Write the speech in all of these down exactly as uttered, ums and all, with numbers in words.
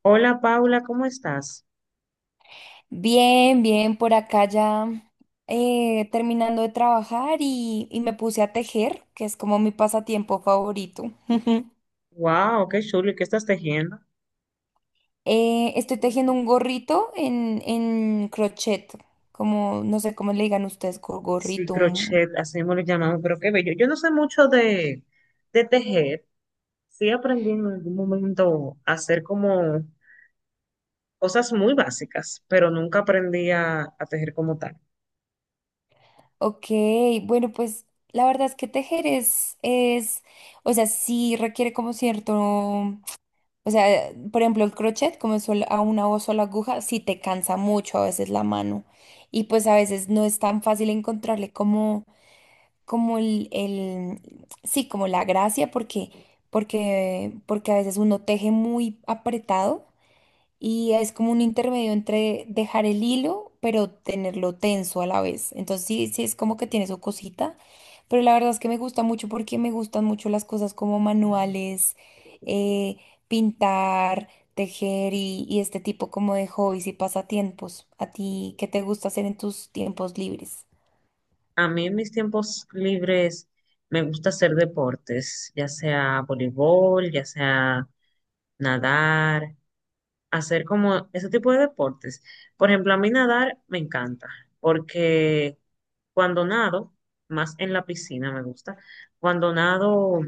Hola Paula, ¿cómo estás? Bien, bien, por acá ya eh, terminando de trabajar y, y me puse a tejer, que es como mi pasatiempo favorito. Wow, qué chulo, ¿y qué estás tejiendo? Eh, estoy tejiendo un gorrito en, en crochet, como no sé cómo le digan ustedes, gor- Sí, gorrito. un- crochet, así mismo lo llamamos, pero qué bello. Yo no sé mucho de, de tejer, sí aprendí en algún momento a hacer como cosas muy básicas, pero nunca aprendí a, a tejer como tal. Ok, bueno, pues la verdad es que tejer es, es, o sea, sí requiere como cierto. O sea, por ejemplo, el crochet, como es sol- a una o sola aguja, sí te cansa mucho a veces la mano. Y pues a veces no es tan fácil encontrarle como, como el, el- sí, como la gracia, porque, porque, porque a veces uno teje muy apretado y es como un intermedio entre dejar el hilo, pero tenerlo tenso a la vez. Entonces sí, sí es como que tiene su cosita, pero la verdad es que me gusta mucho porque me gustan mucho las cosas como manuales, eh, pintar, tejer y, y este tipo como de hobbies y pasatiempos. ¿A ti qué te gusta hacer en tus tiempos libres? A mí en mis tiempos libres me gusta hacer deportes, ya sea voleibol, ya sea nadar, hacer como ese tipo de deportes. Por ejemplo, a mí nadar me encanta porque cuando nado, más en la piscina me gusta, cuando nado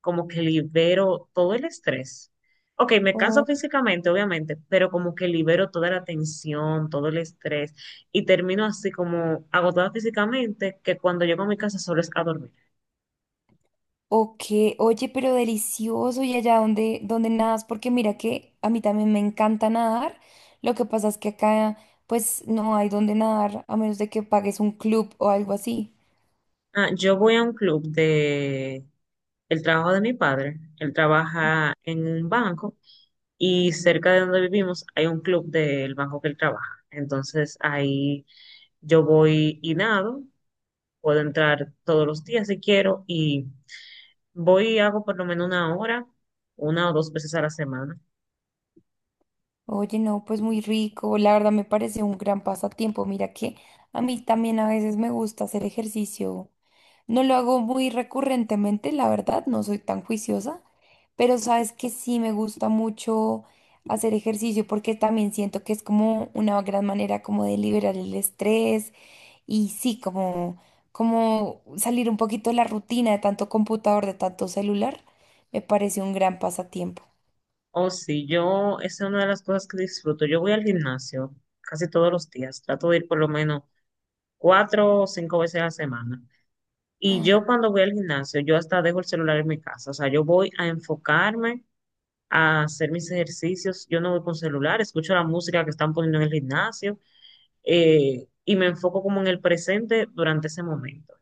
como que libero todo el estrés. Ok, me canso físicamente, obviamente, pero como que libero toda la tensión, todo el estrés y termino así como agotada físicamente que cuando llego a mi casa solo es a dormir. Ok, oye, pero delicioso y allá donde, donde nadas, porque mira que a mí también me encanta nadar. Lo que pasa es que acá pues no hay donde nadar a menos de que pagues un club o algo así. Ah, yo voy a un club de el trabajo de mi padre. Él trabaja en un banco y cerca de donde vivimos hay un club del banco que él trabaja. Entonces ahí yo voy y nado, puedo entrar todos los días si quiero y voy y hago por lo menos una hora, una o dos veces a la semana. Oye, no, pues muy rico. La verdad me parece un gran pasatiempo. Mira que a mí también a veces me gusta hacer ejercicio. No lo hago muy recurrentemente, la verdad, no soy tan juiciosa, pero sabes que sí me gusta mucho hacer ejercicio porque también siento que es como una gran manera como de liberar el estrés y sí, como, como salir un poquito de la rutina de tanto computador, de tanto celular, me parece un gran pasatiempo. O si yo, esa es una de las cosas que disfruto. Yo voy al gimnasio casi todos los días, trato de ir por lo menos cuatro o cinco veces a la semana. Y Ah, yo cuando voy al gimnasio, yo hasta dejo el celular en mi casa, o sea, yo voy a enfocarme, a hacer mis ejercicios, yo no voy con celular, escucho la música que están poniendo en el gimnasio eh, y me enfoco como en el presente durante ese momento.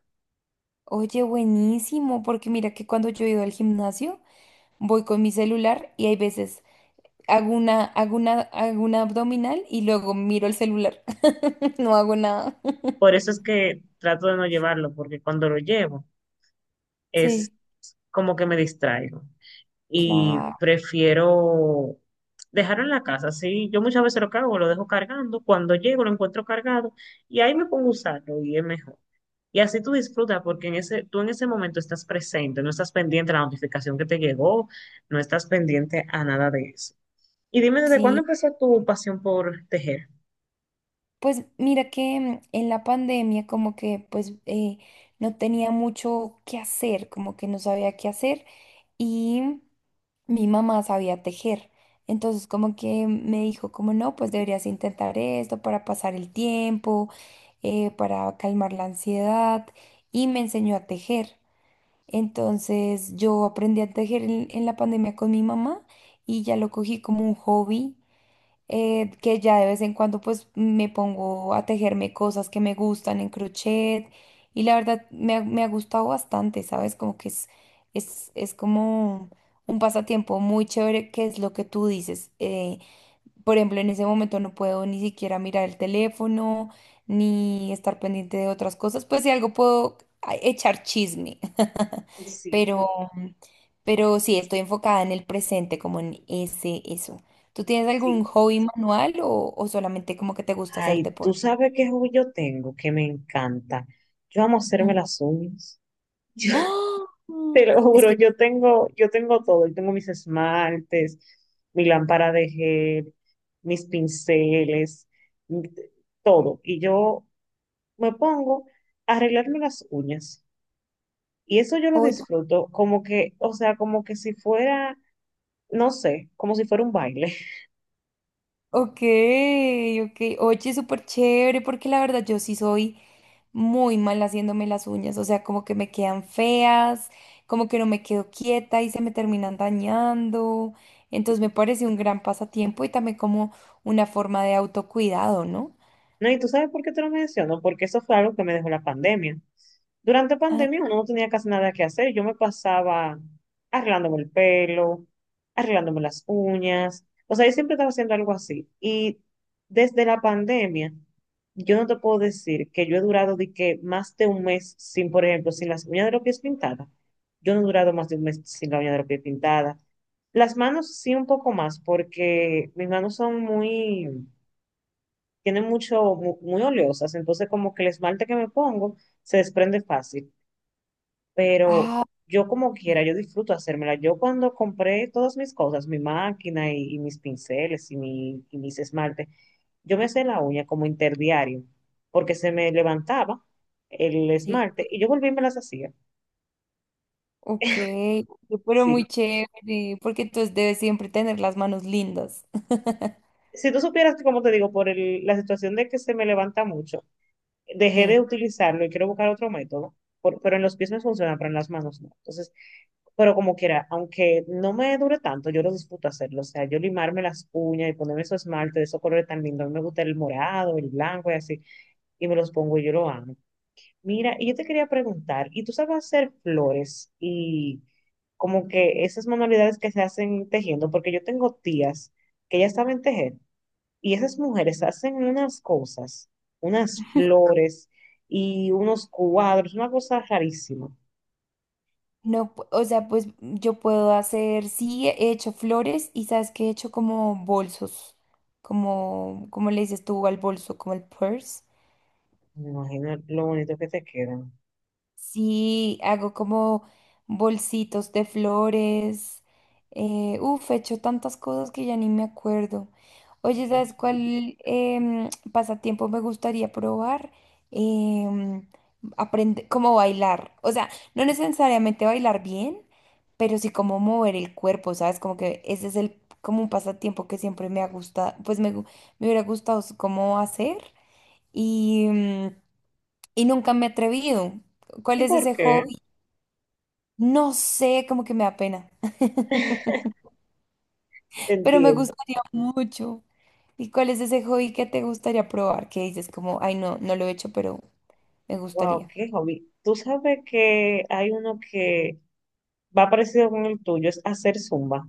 oye, buenísimo, porque mira que cuando yo he ido al gimnasio, voy con mi celular y hay veces hago una, hago una, hago una abdominal y luego miro el celular. No hago nada. Por eso es que trato de no llevarlo, porque cuando lo llevo es Sí, como que me distraigo y claro, prefiero dejarlo en la casa. Sí, yo muchas veces lo cargo, lo dejo cargando, cuando llego lo encuentro cargado y ahí me pongo a usarlo y es mejor. Y así tú disfrutas porque en ese, tú en ese momento estás presente, no estás pendiente a la notificación que te llegó, no estás pendiente a nada de eso. Y dime, ¿desde cuándo sí. empezó tu pasión por tejer? Pues mira que mm, en la pandemia como que pues eh, no tenía mucho que hacer, como que no sabía qué hacer y mi mamá sabía tejer. Entonces como que me dijo como no, pues deberías intentar esto para pasar el tiempo, eh, para calmar la ansiedad y me enseñó a tejer. Entonces yo aprendí a tejer en, en la pandemia con mi mamá y ya lo cogí como un hobby, eh, que ya de vez en cuando pues me pongo a tejerme cosas que me gustan en crochet y la verdad me ha, me ha gustado bastante, ¿sabes? Como que es, es, es como un pasatiempo muy chévere que es lo que tú dices. eh, por ejemplo, en ese momento no puedo ni siquiera mirar el teléfono, ni estar pendiente de otras cosas. Pues si algo puedo a- echar chisme. Sí. Pero, pero sí, estoy enfocada en el presente, como en ese, eso. ¿Tú tienes algún Sí. hobby manual o, o solamente como que te gusta hacer Ay, tú deporte? sabes qué hobby yo tengo que me encanta. Yo amo hacerme Mm. las uñas. ¡Ah! Te lo juro, Espe- yo tengo, yo tengo todo. Yo tengo mis esmaltes, mi lámpara de gel, mis pinceles, mi- todo. Y yo me pongo a arreglarme las uñas. Y eso yo lo Oye, disfruto como que, o sea, como que si fuera, no sé, como si fuera un baile. ok, ok. Oye, súper chévere, porque la verdad yo sí soy muy mal haciéndome las uñas, o sea, como que me quedan feas, como que no me quedo quieta y se me terminan dañando. Entonces me parece un gran pasatiempo y también como una forma de autocuidado, ¿no? No, y tú sabes por qué te lo menciono, porque eso fue algo que me dejó la pandemia. Durante Ah, pandemia uno no tenía casi nada que hacer. Yo me pasaba arreglándome el pelo, arreglándome las uñas. O sea, yo siempre estaba haciendo algo así. Y desde la pandemia, yo no te puedo decir que yo he durado de que más de un mes sin, por ejemplo, sin las uñas de los pies pintadas. Yo no he durado más de un mes sin la uña de los pies pintada. Las manos sí un poco más, porque mis manos son muy tienen mucho, mu- muy, oleosas, entonces como que el esmalte que me pongo se desprende fácil, pero ah, yo como quiera, yo disfruto hacérmela. Yo cuando compré todas mis cosas, mi máquina y, y mis pinceles y, mi, y mis esmaltes, yo me hacía la uña como interdiario, porque se me levantaba el sí, esmalte y yo volví y me las hacía. ok, pero Sí. muy chévere, porque entonces debes siempre tener las manos lindas. Si tú supieras que, como te digo, por el- la situación de que se me levanta mucho, dejé de Sí. utilizarlo y quiero buscar otro método, por- pero en los pies me funciona, pero en las manos no. Entonces, pero como quiera, aunque no me dure tanto, yo lo disfruto hacerlo. O sea, yo limarme las uñas y ponerme esos esmalte de esos colores tan lindos. A mí me gusta el morado, el blanco y así. Y me los pongo y yo lo amo. Mira, y yo te quería preguntar, ¿y tú sabes hacer flores y como que esas manualidades que se hacen tejiendo? Porque yo tengo tías que ya saben tejer y esas mujeres hacen unas cosas, unas flores y unos cuadros, una cosa rarísima. No, pu- o sea, pues yo puedo hacer, sí, he hecho flores y sabes que he hecho como bolsos, como, como le dices tú al bolso, como el purse. Me imagino lo bonito que te quedan. Sí, hago como bolsitos de flores. Eh, uf, he hecho tantas cosas que ya ni me acuerdo. Oye, ¿sabes Ok. cuál em, pasatiempo me gustaría probar? Em, aprende- como bailar. O sea, no necesariamente bailar bien, pero sí como mover el cuerpo, ¿sabes? Como que ese es el, como un pasatiempo que siempre me ha gustado, pues me, gu- me hubiera gustado s- como hacer. Y... mm, y nunca me he atrevido. ¿Cuál ¿Y es por ese qué? hobby? No sé, como que me da pena, pero me Entiendo. gustaría mucho. ¿Y cuál es ese hobby que te gustaría probar? Que dices como, ay, no, no lo he hecho, pero me Wow, gustaría. qué hobby. Tú sabes que hay uno que va parecido con el tuyo, es hacer zumba.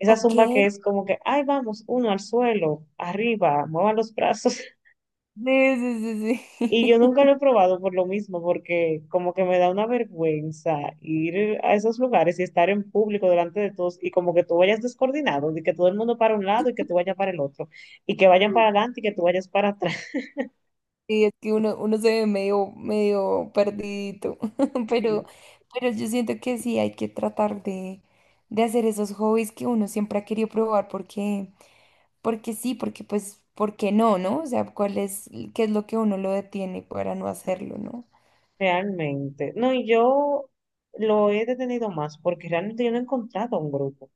Esa Ok. zumba que es como que, ay, vamos, uno al suelo, arriba, muevan los brazos. Sí, sí, sí, Y yo sí. nunca lo he probado por lo mismo, porque como que me da una vergüenza ir a esos lugares y estar en público delante de todos y como que tú vayas descoordinado, de que todo el mundo para un lado y que tú vayas para el otro, y que vayan para adelante y que tú vayas para atrás. Sí, es que uno, uno se ve medio, medio perdidito, pero, pero yo siento que sí hay que tratar de, de hacer esos hobbies que uno siempre ha querido probar porque, porque sí, porque pues, ¿por qué no, no? O sea, ¿cuál es, qué es lo que a uno lo detiene para no hacerlo, no? Realmente. No, y yo lo he detenido más porque realmente yo no he encontrado un grupo.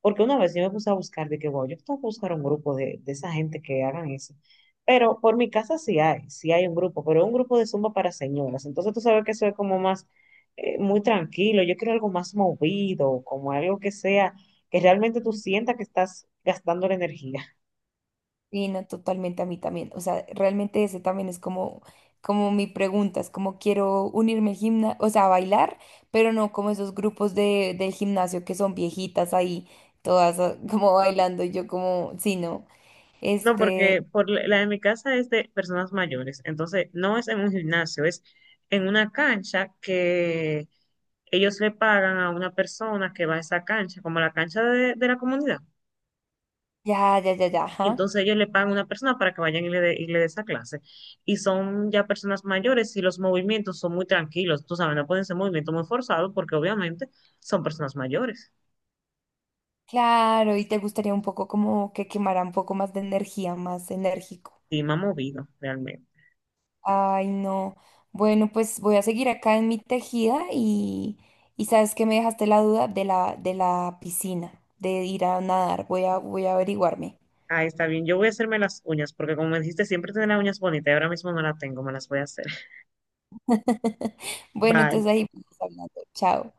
Porque una vez yo me puse a buscar, de que, wow, yo tengo que buscar un grupo de, de esa gente que hagan eso. Pero por mi casa sí hay, sí hay un grupo, pero es un grupo de Zumba para señoras. Entonces tú sabes que eso es como más, eh, muy tranquilo. Yo quiero algo más movido, como algo que sea, que realmente tú sientas que estás gastando la energía. Y no, totalmente a mí también. O sea, realmente ese también es como, como mi pregunta, es como quiero unirme al gimnasio, o sea, a bailar, pero no como esos grupos de, del gimnasio que son viejitas ahí, todas ah, como bailando, y yo como, sí, no, No, este, porque por la la de mi casa es de personas mayores, entonces no es en un gimnasio, es en una cancha que ellos le pagan a una persona que va a esa cancha, como la cancha de, de la comunidad. ya, ya, ya, ya, ajá. Entonces ellos le pagan a una persona para que vayan y le dé y le dé esa clase. Y son ya personas mayores y los movimientos son muy tranquilos, tú sabes, no pueden ser movimientos muy forzados porque obviamente son personas mayores. Claro, y te gustaría un poco como que quemara un poco más de energía, más enérgico. Y me ha movido realmente. Ay, no. Bueno, pues voy a seguir acá en mi tejida y, y sabes que me dejaste la duda de la, de la piscina, de ir a nadar. Voy a, voy a averiguarme. Ah, está bien. Yo voy a hacerme las uñas porque como me dijiste, siempre tener las uñas bonitas y ahora mismo no las tengo, me las voy a hacer. Bueno, Bye. entonces ahí vamos hablando. Chao.